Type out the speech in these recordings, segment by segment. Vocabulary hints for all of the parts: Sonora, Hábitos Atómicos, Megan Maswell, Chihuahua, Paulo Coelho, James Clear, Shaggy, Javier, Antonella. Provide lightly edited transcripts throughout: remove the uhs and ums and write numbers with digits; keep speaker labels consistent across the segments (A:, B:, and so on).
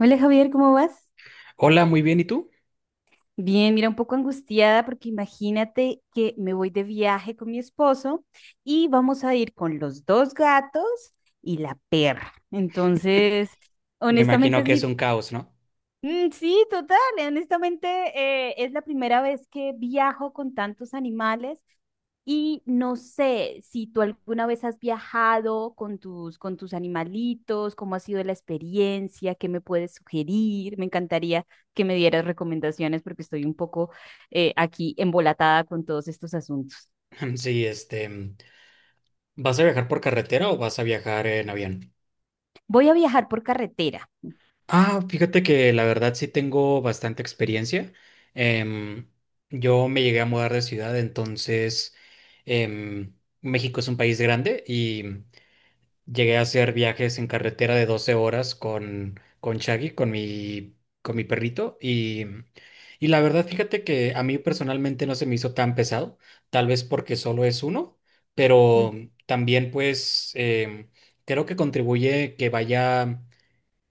A: Hola Javier, ¿cómo vas?
B: Hola, muy bien, ¿y tú?
A: Bien, mira, un poco angustiada porque imagínate que me voy de viaje con mi esposo y vamos a ir con los dos gatos y la perra. Entonces,
B: Me
A: honestamente
B: imagino
A: es
B: que es
A: mi...
B: un caos, ¿no?
A: Mm, sí, total. Y honestamente, es la primera vez que viajo con tantos animales y no sé si tú alguna vez has viajado con con tus animalitos, cómo ha sido la experiencia, qué me puedes sugerir. Me encantaría que me dieras recomendaciones porque estoy un poco aquí embolatada con todos estos asuntos.
B: Sí, ¿vas a viajar por carretera o vas a viajar en avión?
A: Voy a viajar por carretera.
B: Ah, fíjate que la verdad sí tengo bastante experiencia. Em, yo me llegué a mudar de ciudad, entonces em, México es un país grande y llegué a hacer viajes en carretera de 12 horas con Shaggy, con mi perrito, y la verdad, fíjate que a mí personalmente no se me hizo tan pesado, tal vez porque solo es uno, pero
A: Mm,
B: también pues creo que contribuye que vaya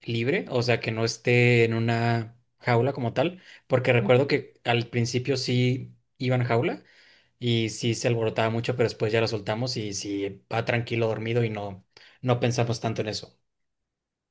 B: libre, o sea, que no esté en una jaula como tal, porque
A: ujú.
B: recuerdo que al principio sí iba en jaula y sí se alborotaba mucho, pero después ya lo soltamos y sí va tranquilo dormido y no, no pensamos tanto en eso.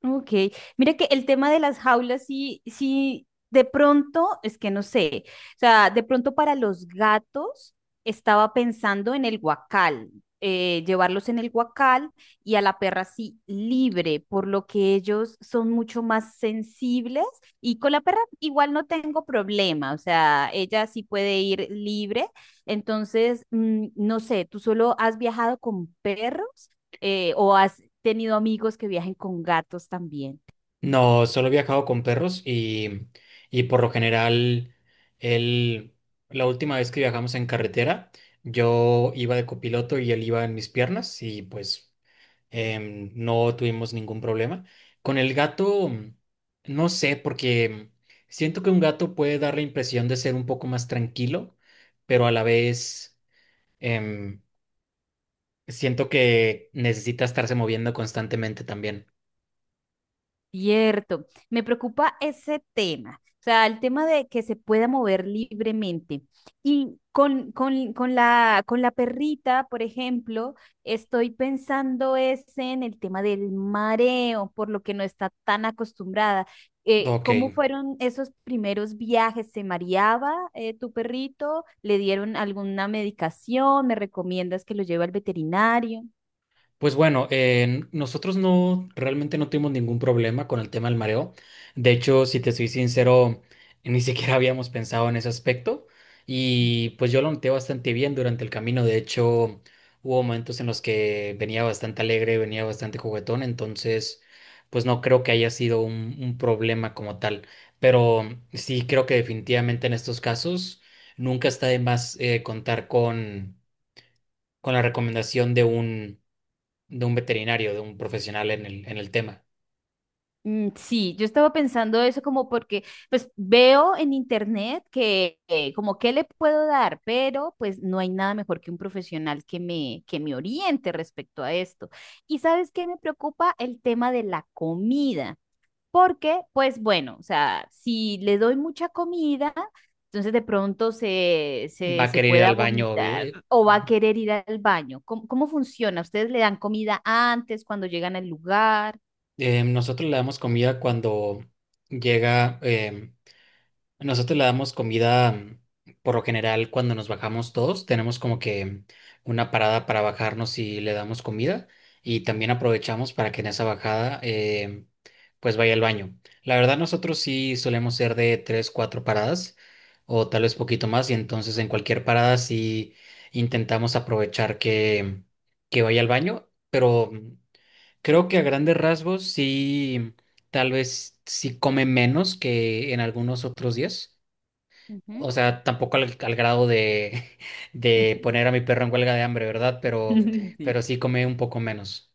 A: Ok, mira que el tema de las jaulas sí, sí, de pronto, es que no sé, o sea, de pronto para los gatos estaba pensando en el guacal, llevarlos en el guacal y a la perra sí libre, por lo que ellos son mucho más sensibles y con la perra igual no tengo problema, o sea, ella sí puede ir libre. Entonces, mm, no sé, ¿tú solo has viajado con perros? ¿O has tenido amigos que viajen con gatos también?
B: No, solo he viajado con perros y por lo general, él, la última vez que viajamos en carretera, yo iba de copiloto y él iba en mis piernas y pues no tuvimos ningún problema. Con el gato, no sé, porque siento que un gato puede dar la impresión de ser un poco más tranquilo, pero a la vez, em, siento que necesita estarse moviendo constantemente también.
A: Cierto, me preocupa ese tema, o sea, el tema de que se pueda mover libremente. Y con la perrita, por ejemplo, estoy pensando es en el tema del mareo, por lo que no está tan acostumbrada.
B: Ok,
A: ¿Cómo fueron esos primeros viajes? ¿Se mareaba, tu perrito? ¿Le dieron alguna medicación? ¿Me recomiendas que lo lleve al veterinario?
B: pues bueno, nosotros no realmente no tuvimos ningún problema con el tema del mareo. De hecho, si te soy sincero, ni siquiera habíamos pensado en ese aspecto. Y pues yo lo noté bastante bien durante el camino. De hecho, hubo momentos en los que venía bastante alegre, venía bastante juguetón. Entonces, pues no creo que haya sido un problema como tal. Pero sí creo que definitivamente en estos casos nunca está de más contar con la recomendación de un veterinario, de un profesional en el tema.
A: Mm, sí, yo estaba pensando eso, como porque pues veo en internet que, como qué le puedo dar, pero pues no hay nada mejor que un profesional que me oriente respecto a esto. Y ¿sabes qué me preocupa? El tema de la comida, porque pues bueno, o sea, si le doy mucha comida, entonces de pronto se
B: Va
A: se
B: a
A: se
B: querer ir
A: pueda
B: al baño.
A: vomitar
B: eh,
A: o va a querer ir al baño. ¿Cómo, cómo funciona? ¿Ustedes le dan comida antes cuando llegan al lugar?
B: eh, nosotros le damos comida cuando llega. Nosotros le damos comida, por lo general, cuando nos bajamos todos, tenemos como que una parada para bajarnos y le damos comida y también aprovechamos para que en esa bajada pues vaya al baño. La verdad, nosotros sí solemos ser de tres, cuatro paradas o tal vez poquito más y entonces en cualquier parada sí intentamos aprovechar que vaya al baño, pero creo que a grandes rasgos sí, tal vez sí come menos que en algunos otros días.
A: Ujú.
B: O sea, tampoco al grado de, de poner a mi perro en huelga de hambre, ¿verdad? Pero,
A: Sí.
B: pero sí come un poco menos.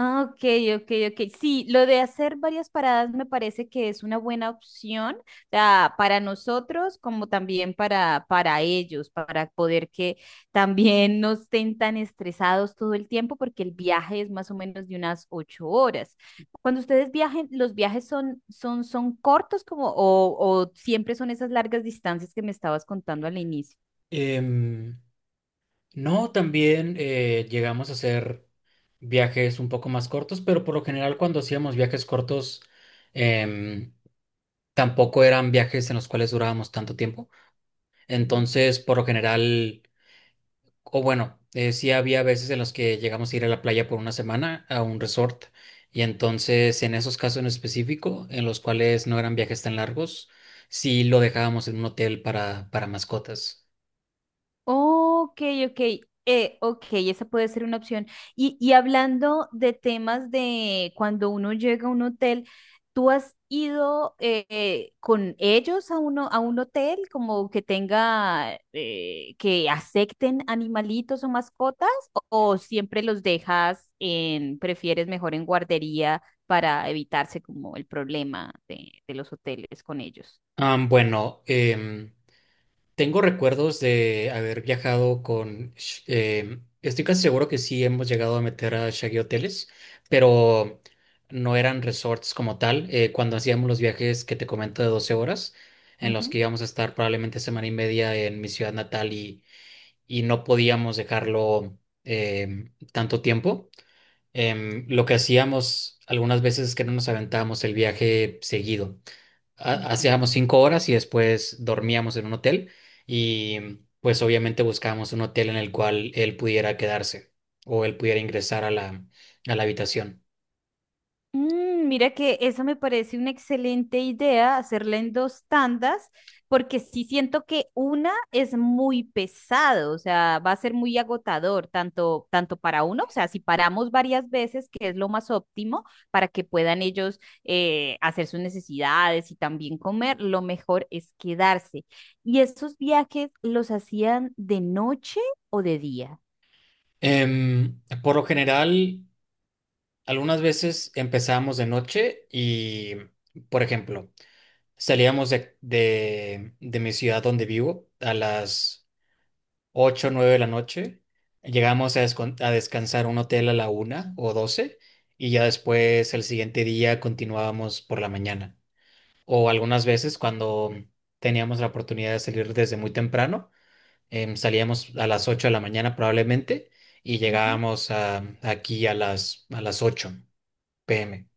A: Ah, ok, ok, ok. Sí, lo de hacer varias paradas me parece que es una buena opción, o sea, para nosotros como también para ellos, para poder que también no estén tan estresados todo el tiempo, porque el viaje es más o menos de unas 8 horas. Cuando ustedes viajen, ¿los viajes son cortos como, o siempre son esas largas distancias que me estabas contando al inicio?
B: Em, no, también llegamos a hacer viajes un poco más cortos, pero por lo general cuando hacíamos viajes cortos, em, tampoco eran viajes en los cuales durábamos tanto tiempo. Entonces, por lo general. O bueno, sí había veces en los que llegamos a ir a la playa por una semana a un resort y entonces en esos casos en específico, en los cuales no eran viajes tan largos, sí lo dejábamos en un hotel para mascotas.
A: Ok, ok, ok, esa puede ser una opción. Y hablando de temas de cuando uno llega a un hotel, ¿tú has ido, con ellos a uno, a un hotel como que tenga, que acepten animalitos o mascotas? O siempre los dejas en, prefieres mejor en guardería para evitarse como el problema de los hoteles con ellos?
B: Ah, bueno, tengo recuerdos de haber viajado con. Estoy casi seguro que sí hemos llegado a meter a Shaggy hoteles, pero no eran resorts como tal. Cuando hacíamos los viajes que te comento de 12 horas, en los
A: Ujú,
B: que íbamos a estar probablemente semana y media en mi ciudad natal y no podíamos dejarlo tanto tiempo, lo que hacíamos algunas veces es que no nos aventábamos el viaje seguido
A: ok.
B: hacíamos 5 horas y después dormíamos en un hotel y pues obviamente buscábamos un hotel en el cual él pudiera quedarse o él pudiera ingresar a la, habitación.
A: Mm, mira que eso me parece una excelente idea, hacerla en dos tandas, porque sí siento que una es muy pesado, o sea, va a ser muy agotador, tanto, tanto para uno, o sea, si paramos varias veces, que es lo más óptimo para que puedan ellos, hacer sus necesidades y también comer, lo mejor es quedarse. ¿Y estos viajes los hacían de noche o de día?
B: Por lo general, algunas veces empezábamos de noche y, por ejemplo, salíamos de mi ciudad donde vivo a las 8 o 9 de la noche. Llegamos a descansar a un hotel a la 1 o 12 y ya después el siguiente día continuábamos por la mañana. O algunas veces cuando teníamos la oportunidad de salir desde muy temprano, salíamos a las 8 de la mañana probablemente y llegábamos aquí a las 8 p.m.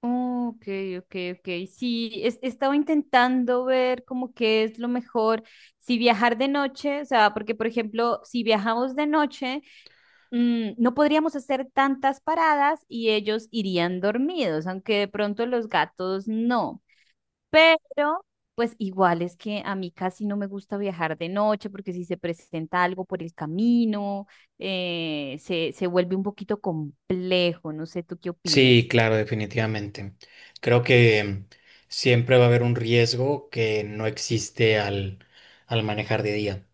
A: Ok, ok, ok. Sí, es- estaba intentando ver como qué es lo mejor, si viajar de noche, o sea, porque por ejemplo, si viajamos de noche, mm, no podríamos hacer tantas paradas y ellos irían dormidos, aunque de pronto los gatos no. Pero, pues igual es que a mí casi no me gusta viajar de noche porque si se presenta algo por el camino, se, se vuelve un poquito complejo, no sé, ¿tú qué
B: Sí,
A: opinas?
B: claro, definitivamente. Creo que siempre va a haber un riesgo que no existe al manejar de día.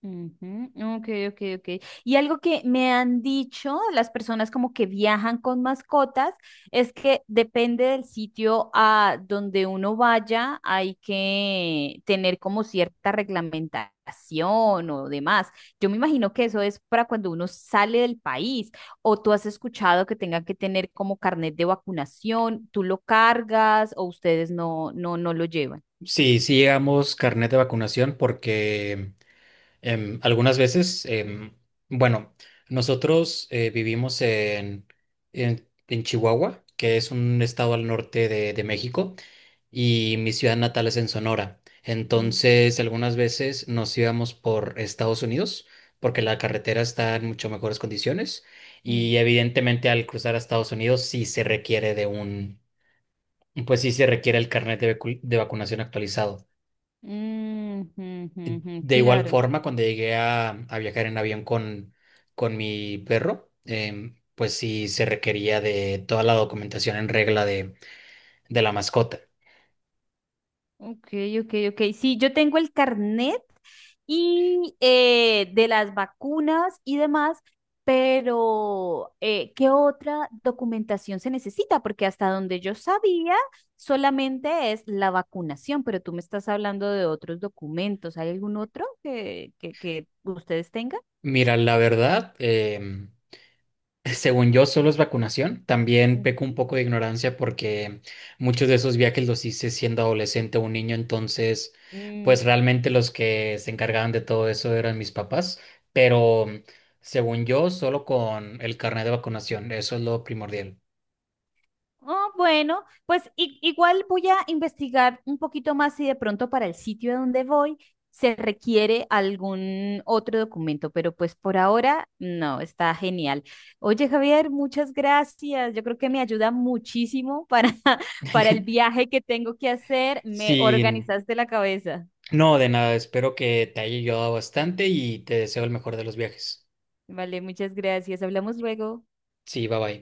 A: Ujú, ok, ok, ok. Y algo que me han dicho las personas como que viajan con mascotas es que depende del sitio a donde uno vaya, hay que tener como cierta reglamentación o demás. Yo me imagino que eso es para cuando uno sale del país, o tú has escuchado que tenga que tener como carnet de vacunación, tú lo cargas, o ustedes no, no, no lo llevan.
B: Sí, sí llegamos carnet de vacunación porque algunas veces, bueno, nosotros vivimos en Chihuahua, que es un estado al norte de México, y mi ciudad natal es en Sonora.
A: Mm,
B: Entonces, algunas veces nos íbamos por Estados Unidos porque la carretera está en mucho mejores condiciones
A: mm.
B: y evidentemente al cruzar a Estados Unidos sí se requiere pues sí se requiere el carnet de vacunación actualizado.
A: Mm, ujú, ujú,
B: De igual
A: claro.
B: forma, cuando llegué a viajar en avión con mi perro, pues sí se requería de toda la documentación en regla de la mascota.
A: Ok, ok, ok. Sí, yo tengo el carnet y, de las vacunas y demás, pero, ¿qué otra documentación se necesita? Porque hasta donde yo sabía, solamente es la vacunación, pero tú me estás hablando de otros documentos. ¿Hay algún otro que ustedes tengan?
B: Mira, la verdad, según yo, solo es vacunación. También peco un poco de ignorancia porque muchos de esos viajes los hice siendo adolescente o un niño, entonces,
A: Ujú.
B: pues realmente los que se encargaban de todo eso eran mis papás, pero según yo, solo con el carnet de vacunación, eso es lo primordial.
A: Oh, bueno, pues i- igual voy a investigar un poquito más si de pronto para el sitio a donde voy se requiere algún otro documento, pero pues por ahora no, está genial. Oye, Javier, muchas gracias. Yo creo que me ayuda muchísimo para, para el viaje que tengo que hacer. Me
B: Sí,
A: organizaste la cabeza.
B: no, de nada, espero que te haya ayudado bastante y te deseo el mejor de los viajes.
A: Vale, muchas gracias. Hablamos luego.
B: Sí, bye bye.